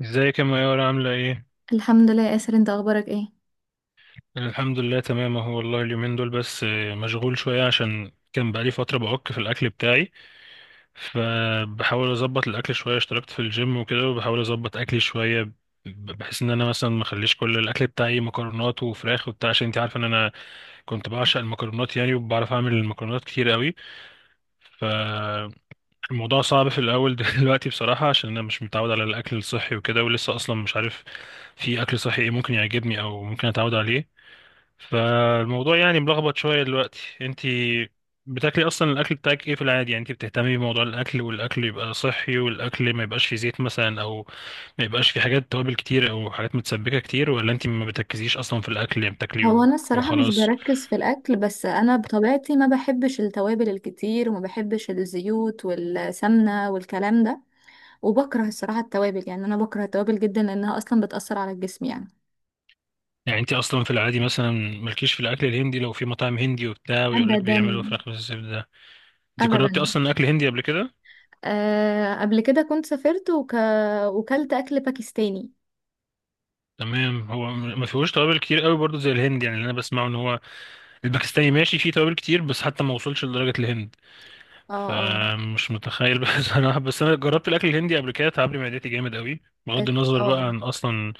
ازيك يا ميار عاملة ايه؟ الحمد لله يا ياسر، انت اخبارك ايه؟ الحمد لله تمام اهو والله اليومين دول بس مشغول شوية عشان كان بقالي فترة بعك في الأكل بتاعي، فبحاول أظبط الأكل شوية. اشتركت في الجيم وكده وبحاول أظبط أكلي شوية، بحيث إن أنا مثلا ما أخليش كل الأكل بتاعي مكرونات وفراخ وبتاع، عشان أنت عارفة إن أنا كنت بعشق المكرونات يعني، وبعرف أعمل المكرونات كتير قوي. فالموضوع صعب في الأول. دلوقتي بصراحة عشان أنا مش متعود على الأكل الصحي وكده، ولسه أصلا مش عارف في أكل صحي ايه ممكن يعجبني أو ممكن أتعود عليه، فالموضوع يعني ملخبط شوية دلوقتي. انت بتاكلي اصلا الاكل بتاعك ايه في العادي؟ يعني انت بتهتمي بموضوع الاكل والاكل يبقى صحي والاكل ما يبقاش فيه زيت مثلا، او ما يبقاش فيه حاجات توابل كتير او حاجات متسبكة كتير، ولا انت ما بتركزيش اصلا في الاكل يعني بتاكلي هو انا الصراحه مش وخلاص؟ بركز في الاكل، بس انا بطبيعتي ما بحبش التوابل الكتير وما بحبش الزيوت والسمنه والكلام ده. وبكره الصراحه التوابل، يعني انا بكره التوابل جدا لانها اصلا بتاثر على الجسم يعني. يعني انت اصلا في العادي مثلا مالكيش في الاكل الهندي، لو في مطاعم هندي وبتاع ويقول لك ابدا. بيعملوا فراخ بالزبدة ده، انت جربتي ابدا. اصلا اكل هندي قبل كده؟ أه، قبل كده كنت سافرت وكلت اكل باكستاني. تمام. هو ما فيهوش توابل كتير قوي برضه زي الهند، يعني اللي انا بسمعه ان هو الباكستاني ماشي فيه توابل كتير بس حتى ما وصلش لدرجة الهند، اه اه. فمش متخيل. بس انا جربت الاكل الهندي قبل كده تعبلي معدتي جامد قوي، بغض النظر بقى اه، عن اصلا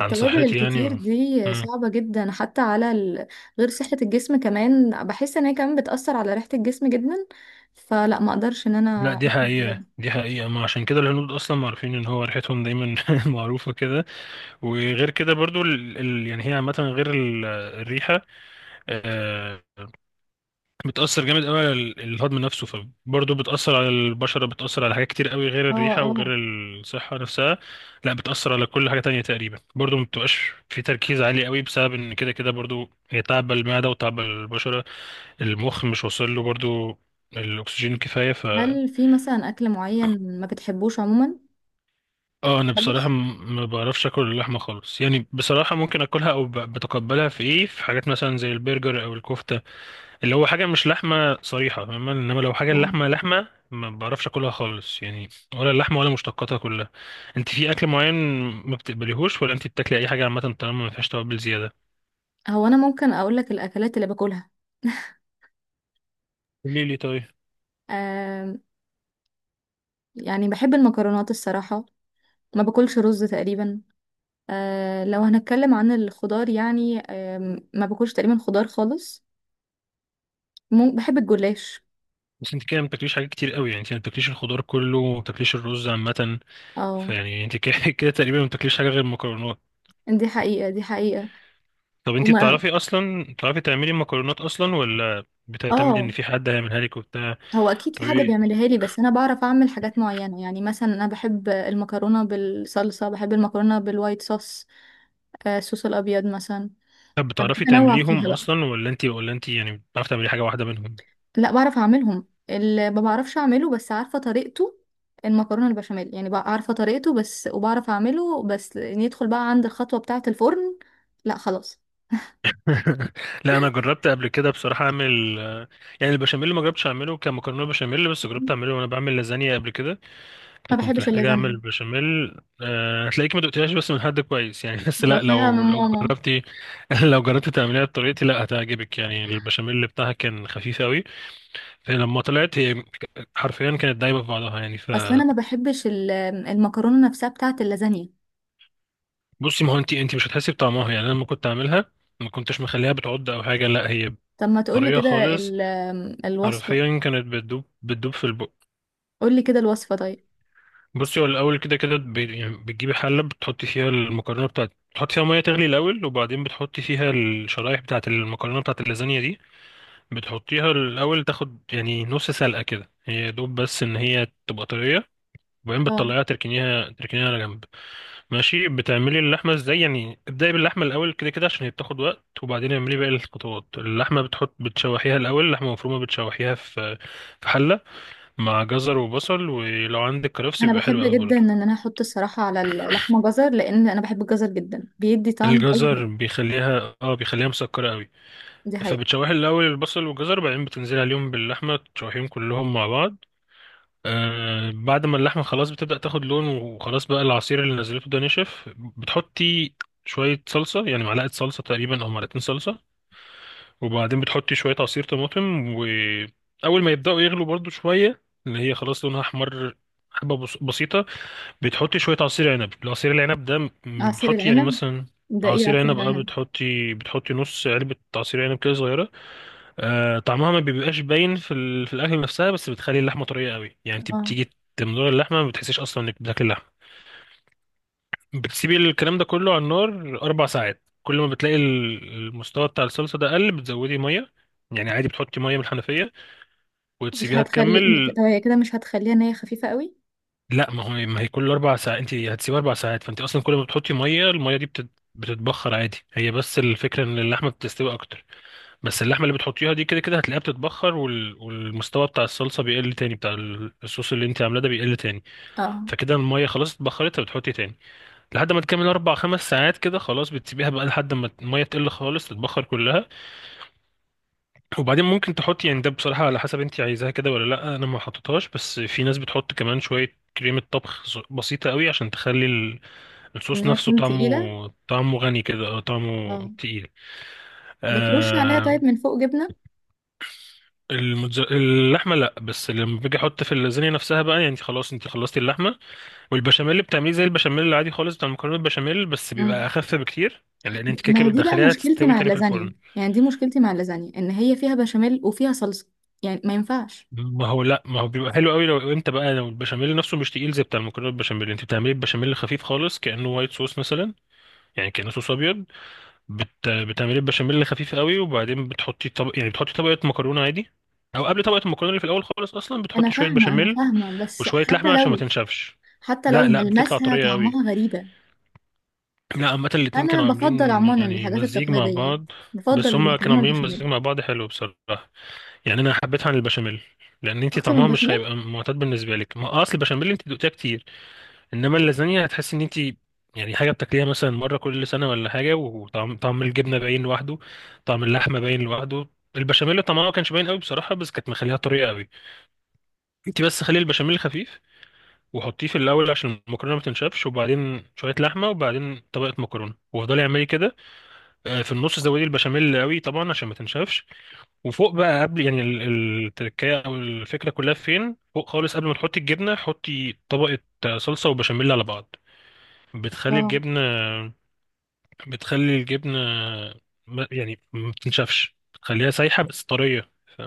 عن صحتي يعني الكتير و... دي مم. صعبة جدا حتى على غير صحة الجسم، كمان بحس ان هي كمان بتأثر على ريحة الجسم جدا. فلا ما اقدرش ان لا، انا دي اكل الحاجات دي. حقيقة، دي حقيقة، ما عشان كده الهنود أصلا معروفين إن هو ريحتهم دايما معروفة كده. وغير كده برضو ال... ال... يعني هي عامة غير ال... الريحة، آه، بتأثر جامد قوي على الهضم نفسه، فبرضه بتأثر على البشرة، بتأثر على حاجات كتير قوي غير اه الريحة اه. وغير الصحة نفسها. لا، بتأثر على كل حاجة تانية تقريبا، برضه ما بتبقاش في تركيز عالي قوي بسبب ان كده كده برضه هي تعب المعدة وتعب البشرة. المخ مش واصل له برضه الأكسجين الكفاية. ف هل في مثلا اكل معين ما بتحبوش عموما؟ اه، أنا بصراحة خالص. ما بعرفش آكل اللحمة خالص، يعني بصراحة ممكن آكلها أو بتقبلها في إيه، في حاجات مثلا زي البرجر أو الكفتة، اللي هو حاجة مش لحمة صريحة، فاهمة، انما لو حاجة اه. اللحمة لحمة ما بعرفش اكلها خالص يعني، ولا اللحمة ولا مشتقاتها كلها. انت في اكل معين ما بتقبليهوش، ولا انت بتاكلي اي حاجة عامة طالما ما فيهاش توابل زيادة؟ هو انا ممكن اقول لك الاكلات اللي باكلها. قولي لي طيب. آه. يعني بحب المكرونات الصراحة. ما باكلش رز تقريبا. آه، لو هنتكلم عن الخضار، يعني آه، ما باكلش تقريبا خضار خالص. بحب الجلاش. بس انت كده ما بتاكليش حاجات كتير قوي، يعني انت ما بتاكليش الخضار كله وما بتاكليش الرز عامة، اه، فيعني انت كده كده تقريبا ما بتاكليش حاجة غير المكرونات. دي حقيقة دي حقيقة. طب انت وما بتعرفي اصلا، بتعرفي تعملي مكرونات اصلا، ولا بتعتمدي اه، ان في حد هيعملها لك وبتاع؟ هو اكيد في طب حد ايه، بيعملها لي، بس انا بعرف اعمل حاجات معينة. يعني مثلا انا بحب المكرونة بالصلصة، بحب المكرونة بالوايت صوص. آه، الصوص الابيض مثلا. طب بحب بتعرفي انوع فيها تعمليهم بقى. اصلا، ولا انت يعني بتعرفي تعملي حاجة واحدة منهم؟ لا بعرف اعملهم. اللي ما بعرفش اعمله بس عارفة طريقته المكرونة البشاميل. يعني بقى عارفة طريقته بس، وبعرف اعمله بس ندخل بقى عند الخطوة بتاعة الفرن. لا خلاص، لا، انا جربت قبل كده بصراحه اعمل يعني البشاميل، ما جربتش اعمله كمكرونه بشاميل، بس جربت اعمله وانا بعمل لازانيا قبل كده، ما كنت بحبش محتاج اعمل اللازانيا. بشاميل. هتلاقيك ما دقتهاش بس من حد كويس يعني. بس لا، دقتها لو من لو ماما. جربتي لو جربتي تعمليها بطريقتي لا هتعجبك، يعني البشاميل بتاعها كان خفيف قوي، فلما طلعت هي حرفيا كانت دايبه في بعضها يعني. اصل انا ما بحبش المكرونة نفسها بتاعة اللازانيا. فبصي، ما هو انت مش هتحسي بطعمها يعني، انا لما كنت اعملها ما كنتش مخليها بتعض او حاجه، لا هي طب ما تقولي طريه كده خالص، ال- الوصفة. حرفيا كانت بتدوب في البق. قولي كده الوصفة طيب. بصي، هو الاول كده كده يعني بتجيبي حله، بتحطي فيها المكرونه بتاعت، بتحطي فيها ميه تغلي الاول، وبعدين بتحطي فيها الشرايح بتاعت المكرونه بتاعت اللازانيا دي، بتحطيها الاول تاخد يعني نص سلقه كده هي يا دوب، بس ان هي تبقى طريه، وبعدين اه. بتطلعيها تركنيها على جنب. ماشي. بتعملي اللحمه ازاي؟ يعني ابدأي باللحمه الاول كده كده عشان هي بتاخد وقت، وبعدين اعملي باقي الخطوات. اللحمه بتحط بتشوحيها الاول، لحمه مفرومه، بتشوحيها في في حله مع جزر وبصل، ولو عندك كرفس انا بيبقى بحب حلو قوي جدا برضه. ان انا احط الصراحة على اللحمة جزر، لان انا بحب الجزر جدا، بيدي طعم اي الجزر حاجة. بيخليها اه، بيخليها مسكرة قوي. دي حقيقة. فبتشوحي الأول البصل والجزر، بعدين بتنزلي عليهم باللحمة تشوحيهم كلهم مع بعض. آه، بعد ما اللحمة خلاص بتبدأ تاخد لون، وخلاص بقى العصير اللي نزلته ده نشف، بتحطي شوية صلصة، يعني معلقة صلصة تقريبا أو معلقتين صلصة، وبعدين بتحطي شوية عصير طماطم، وأول ما يبدأوا يغلوا برضو شوية اللي هي خلاص لونها أحمر حبة بسيطة، بتحطي شوية عصير عنب. العصير العنب ده عصير بتحطي يعني العنب؟ مثلا ده ايه عصير عصير عنب، اه، العنب؟ بتحطي نص علبة عصير عنب كده صغيرة. آه، طعمها ما بيبقاش باين في ال... في الأكل نفسها، بس بتخلي اللحمة طرية قوي، يعني انت اه، بتيجي تمضغ اللحمة ما بتحسيش أصلا إنك بتاكلي اللحمة. بتسيبي الكلام ده كله على النار 4 ساعات. كل ما بتلاقي المستوى بتاع الصلصة ده قل، بتزودي مية، يعني عادي بتحطي مية من الحنفية مش وتسيبيها هتخلي تكمل. طب هي كده مش هتخليها ان هي خفيفة قوي؟ لا، ما هو ما هي كل 4 ساعات انت هتسيب 4 ساعات، فانت اصلا كل ما بتحطي ميه الميه دي بتتبخر عادي هي، بس الفكره ان اللحمه بتستوي اكتر. بس اللحمه اللي بتحطيها دي كده كده هتلاقيها بتتبخر وال... والمستوى بتاع الصلصه بيقل تاني، بتاع الصوص اللي انت عاملاه ده بيقل تاني، اه، فكده الميه خلاص اتبخرت، فبتحطي تاني لحد ما تكمل 4 أو 5 ساعات كده. خلاص، بتسيبيها بقى لحد ما الميه تقل خالص تتبخر كلها. وبعدين ممكن تحطي، يعني ده بصراحه على حسب انت عايزاها كده ولا لا، انا ما حطيتهاش، بس في ناس بتحط كمان شويه كريمة طبخ بسيطة قوي عشان تخلي ان الصوص هي نفسه تكون طعمه، تقيلة. غني كده، اه طعمه اه، تقيل. بترش عليها آه، طيب من فوق جبنة؟ اللحمه لا، بس لما باجي احط في اللازانيا نفسها بقى، يعني خلاص انت خلصتي اللحمه والبشاميل اللي بتعمليه زي البشاميل العادي خالص بتاع المكرونه البشاميل، بس بيبقى امم، اخف بكتير، يعني لان انت كده ما كده هي دي بقى بتدخليها مشكلتي تستوي مع تاني في اللازانيا، الفرن. يعني دي مشكلتي مع اللازانيا ان هي فيها بشاميل وفيها صلصة. يعني ما ينفعش. ما هو لا، ما هو بيبقى حلو قوي لو انت بقى، لو البشاميل نفسه مش تقيل زي بتاع المكرونه البشاميل، انت بتعملي البشاميل خفيف خالص كانه وايت صوص مثلا، يعني كانه صوص ابيض. بتعملي البشاميل خفيف قوي، وبعدين بتحطي طبق، يعني بتحطي طبقة مكرونة عادي، او قبل طبقة المكرونة اللي في الاول خالص اصلا انا بتحطي شوية فاهمه انا بشاميل فاهمه، بس وشوية حتى لحمة عشان ما لو تنشفش. حتى لو لا لا، بتطلع ملمسها طرية قوي. طعمها غريبه. لا، عامة الاتنين انا كانوا بفضل عاملين عموما يعني الحاجات مزيج مع التقليديه، يعني بعض، بفضل بس هما كانوا المكرونه عاملين البشاميل مزيج مع بعض حلو بصراحة. يعني انا حبيتها عن البشاميل، لان انتي اكتر من طعمها مش البشاميل. هيبقى معتاد بالنسبة لك، ما اصل البشاميل انتي دقتيها كتير، انما اللازانيا هتحس ان انت يعني حاجه بتاكليها مثلا مره كل سنه ولا حاجه، وطعم الجبنه باين لوحده، طعم اللحمه باين لوحده، البشاميل طعمها ما كانش باين قوي بصراحه، بس كانت مخليها طريه قوي. انت بس خلي البشاميل خفيف، وحطيه في الاول عشان المكرونه ما تنشفش، وبعدين شويه لحمه، وبعدين طبقه مكرونه، وافضلي اعملي كده. في النص زودي البشاميل قوي طبعا عشان ما تنشفش. وفوق بقى قبل يعني التركية او الفكره كلها، فين فوق خالص قبل ما تحطي الجبنه حطي طبقه صلصه وبشاميل على بعض، بتخلي اه، الجبن، بتخلي الجبن يعني ما بتنشفش، بتخليها سايحة بس طرية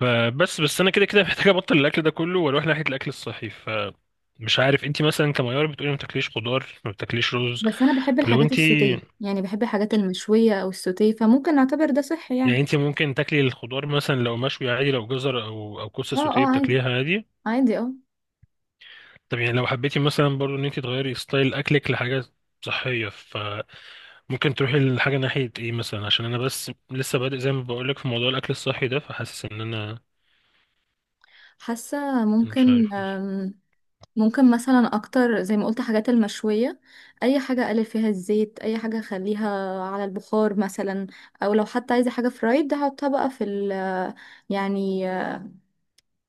فبس انا كده كده محتاج ابطل الاكل ده كله واروح ناحية الاكل الصحي، فمش عارف انت مثلا كميار، بتقولي ما بتاكليش خضار، ما بتاكليش رز، بس انا بحب فلو الحاجات انت السوتيه، يعني بحب الحاجات المشويه او السوتيه، فممكن نعتبر ده صحي يعني يعني. انت ممكن تاكلي الخضار مثلا لو مشوي عادي، لو جزر او او اه كوسه سوتيه اه عادي. بتاكليها عادي. عادي اه. طب يعني لو حبيتي مثلا برضو ان انت تغيري ستايل اكلك لحاجه صحيه، ممكن تروحي لحاجة ناحية ايه مثلا؟ عشان انا بس لسه بادئ زي ما بقولك في موضوع الاكل الصحي ده، فحاسس ان انا حاسه مش ممكن. عارف مش. ممكن مثلا اكتر زي ما قلت حاجات المشوية. اي حاجة اقلل فيها الزيت، اي حاجة اخليها على البخار مثلا، او لو حتى عايزة حاجة فرايد احطها بقى في يعني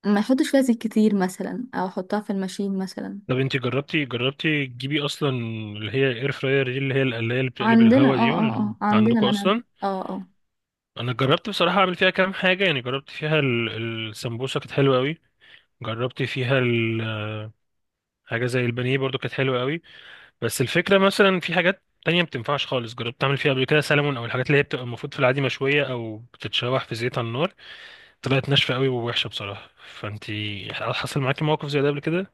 ما يحطش فيها زيت كتير مثلا، او احطها في الماشين مثلا. طب انتي جربتي، تجيبي اصلا اللي هي الاير فراير دي، اللي هي القلاية اللي بتقلب عندنا. الهوا دي، ولا اه عندنا عندكم منهج. اصلا؟ اه اه. انا جربت بصراحة اعمل فيها كام حاجة، يعني جربت فيها السمبوسة كانت حلوة قوي، جربت فيها حاجة زي البانيه برضو كانت حلوة قوي. بس الفكرة مثلا في حاجات تانية ما بتنفعش خالص، جربت اعمل فيها قبل كده سلمون، او الحاجات اللي هي بتبقى المفروض في العادي مشوية او بتتشوح في زيت على النار، طلعت ناشفة قوي ووحشة بصراحة. فانتي حصل معاكي موقف زي ده قبل كده؟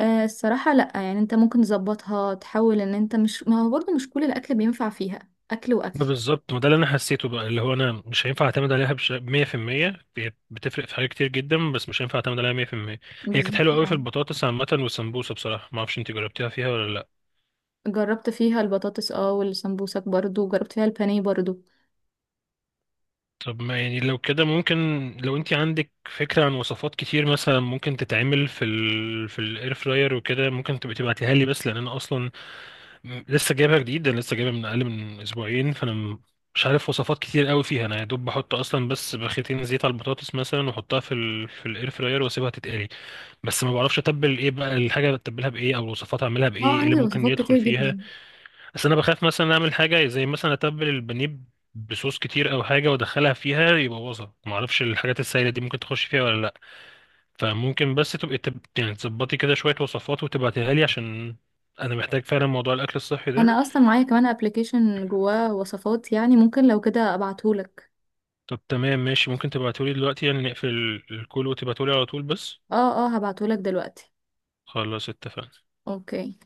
آه، الصراحة لأ. يعني انت ممكن تظبطها، تحاول ان انت مش، ما هو برضه مش كل الأكل بينفع فيها أكل ما وأكل. بالظبط، ما ده اللي انا حسيته بقى، اللي هو انا مش هينفع اعتمد عليها 100%، هي بتفرق في حاجات كتير جدا بس مش هينفع اعتمد عليها 100%. هي كانت بالظبط حلوه قوي في اه. البطاطس عامه والسمبوسه بصراحه. ما اعرفش انت جربتيها فيها ولا لا. جربت فيها البطاطس اه، والسمبوسك برضه، جربت فيها البانيه برضه. طب ما يعني لو كده ممكن، لو انت عندك فكره عن وصفات كتير مثلا ممكن تتعمل في ال... في الاير فراير وكده، ممكن تبقى تبعتيها لي؟ بس لان انا اصلا لسه جايبها جديد، انا لسه جايبها من اقل من اسبوعين، فانا مش عارف وصفات كتير قوي فيها، انا يا دوب بحط اصلا بس بخيتين زيت على البطاطس مثلا واحطها في ال... في الاير فراير واسيبها تتقلي. بس ما بعرفش اتبل ايه بقى الحاجه، اتبلها بايه، او الوصفات اعملها بايه، اه، ايه اللي عندي ممكن وصفات يدخل كتير فيها. جدا. بس انا بخاف مثلا اعمل حاجه زي مثلا اتبل البانيه بصوص كتير او حاجه وادخلها فيها يبوظها، ما اعرفش الحاجات السائله دي ممكن تخش فيها ولا لا. فممكن بس تبقي يعني تظبطي كده شويه وصفات وتبعتيها لي عشان انا محتاج فعلا موضوع الاكل الصحي ده. انا اصلا معايا كمان ابلكيشن جواه وصفات، يعني ممكن لو كده ابعتهولك. طب تمام، ماشي، ممكن تبعتولي دلوقتي يعني، نقفل الكول وتبعتولي على طول بس. اه اه، هبعتهولك دلوقتي. خلاص، اتفقنا. اوكي.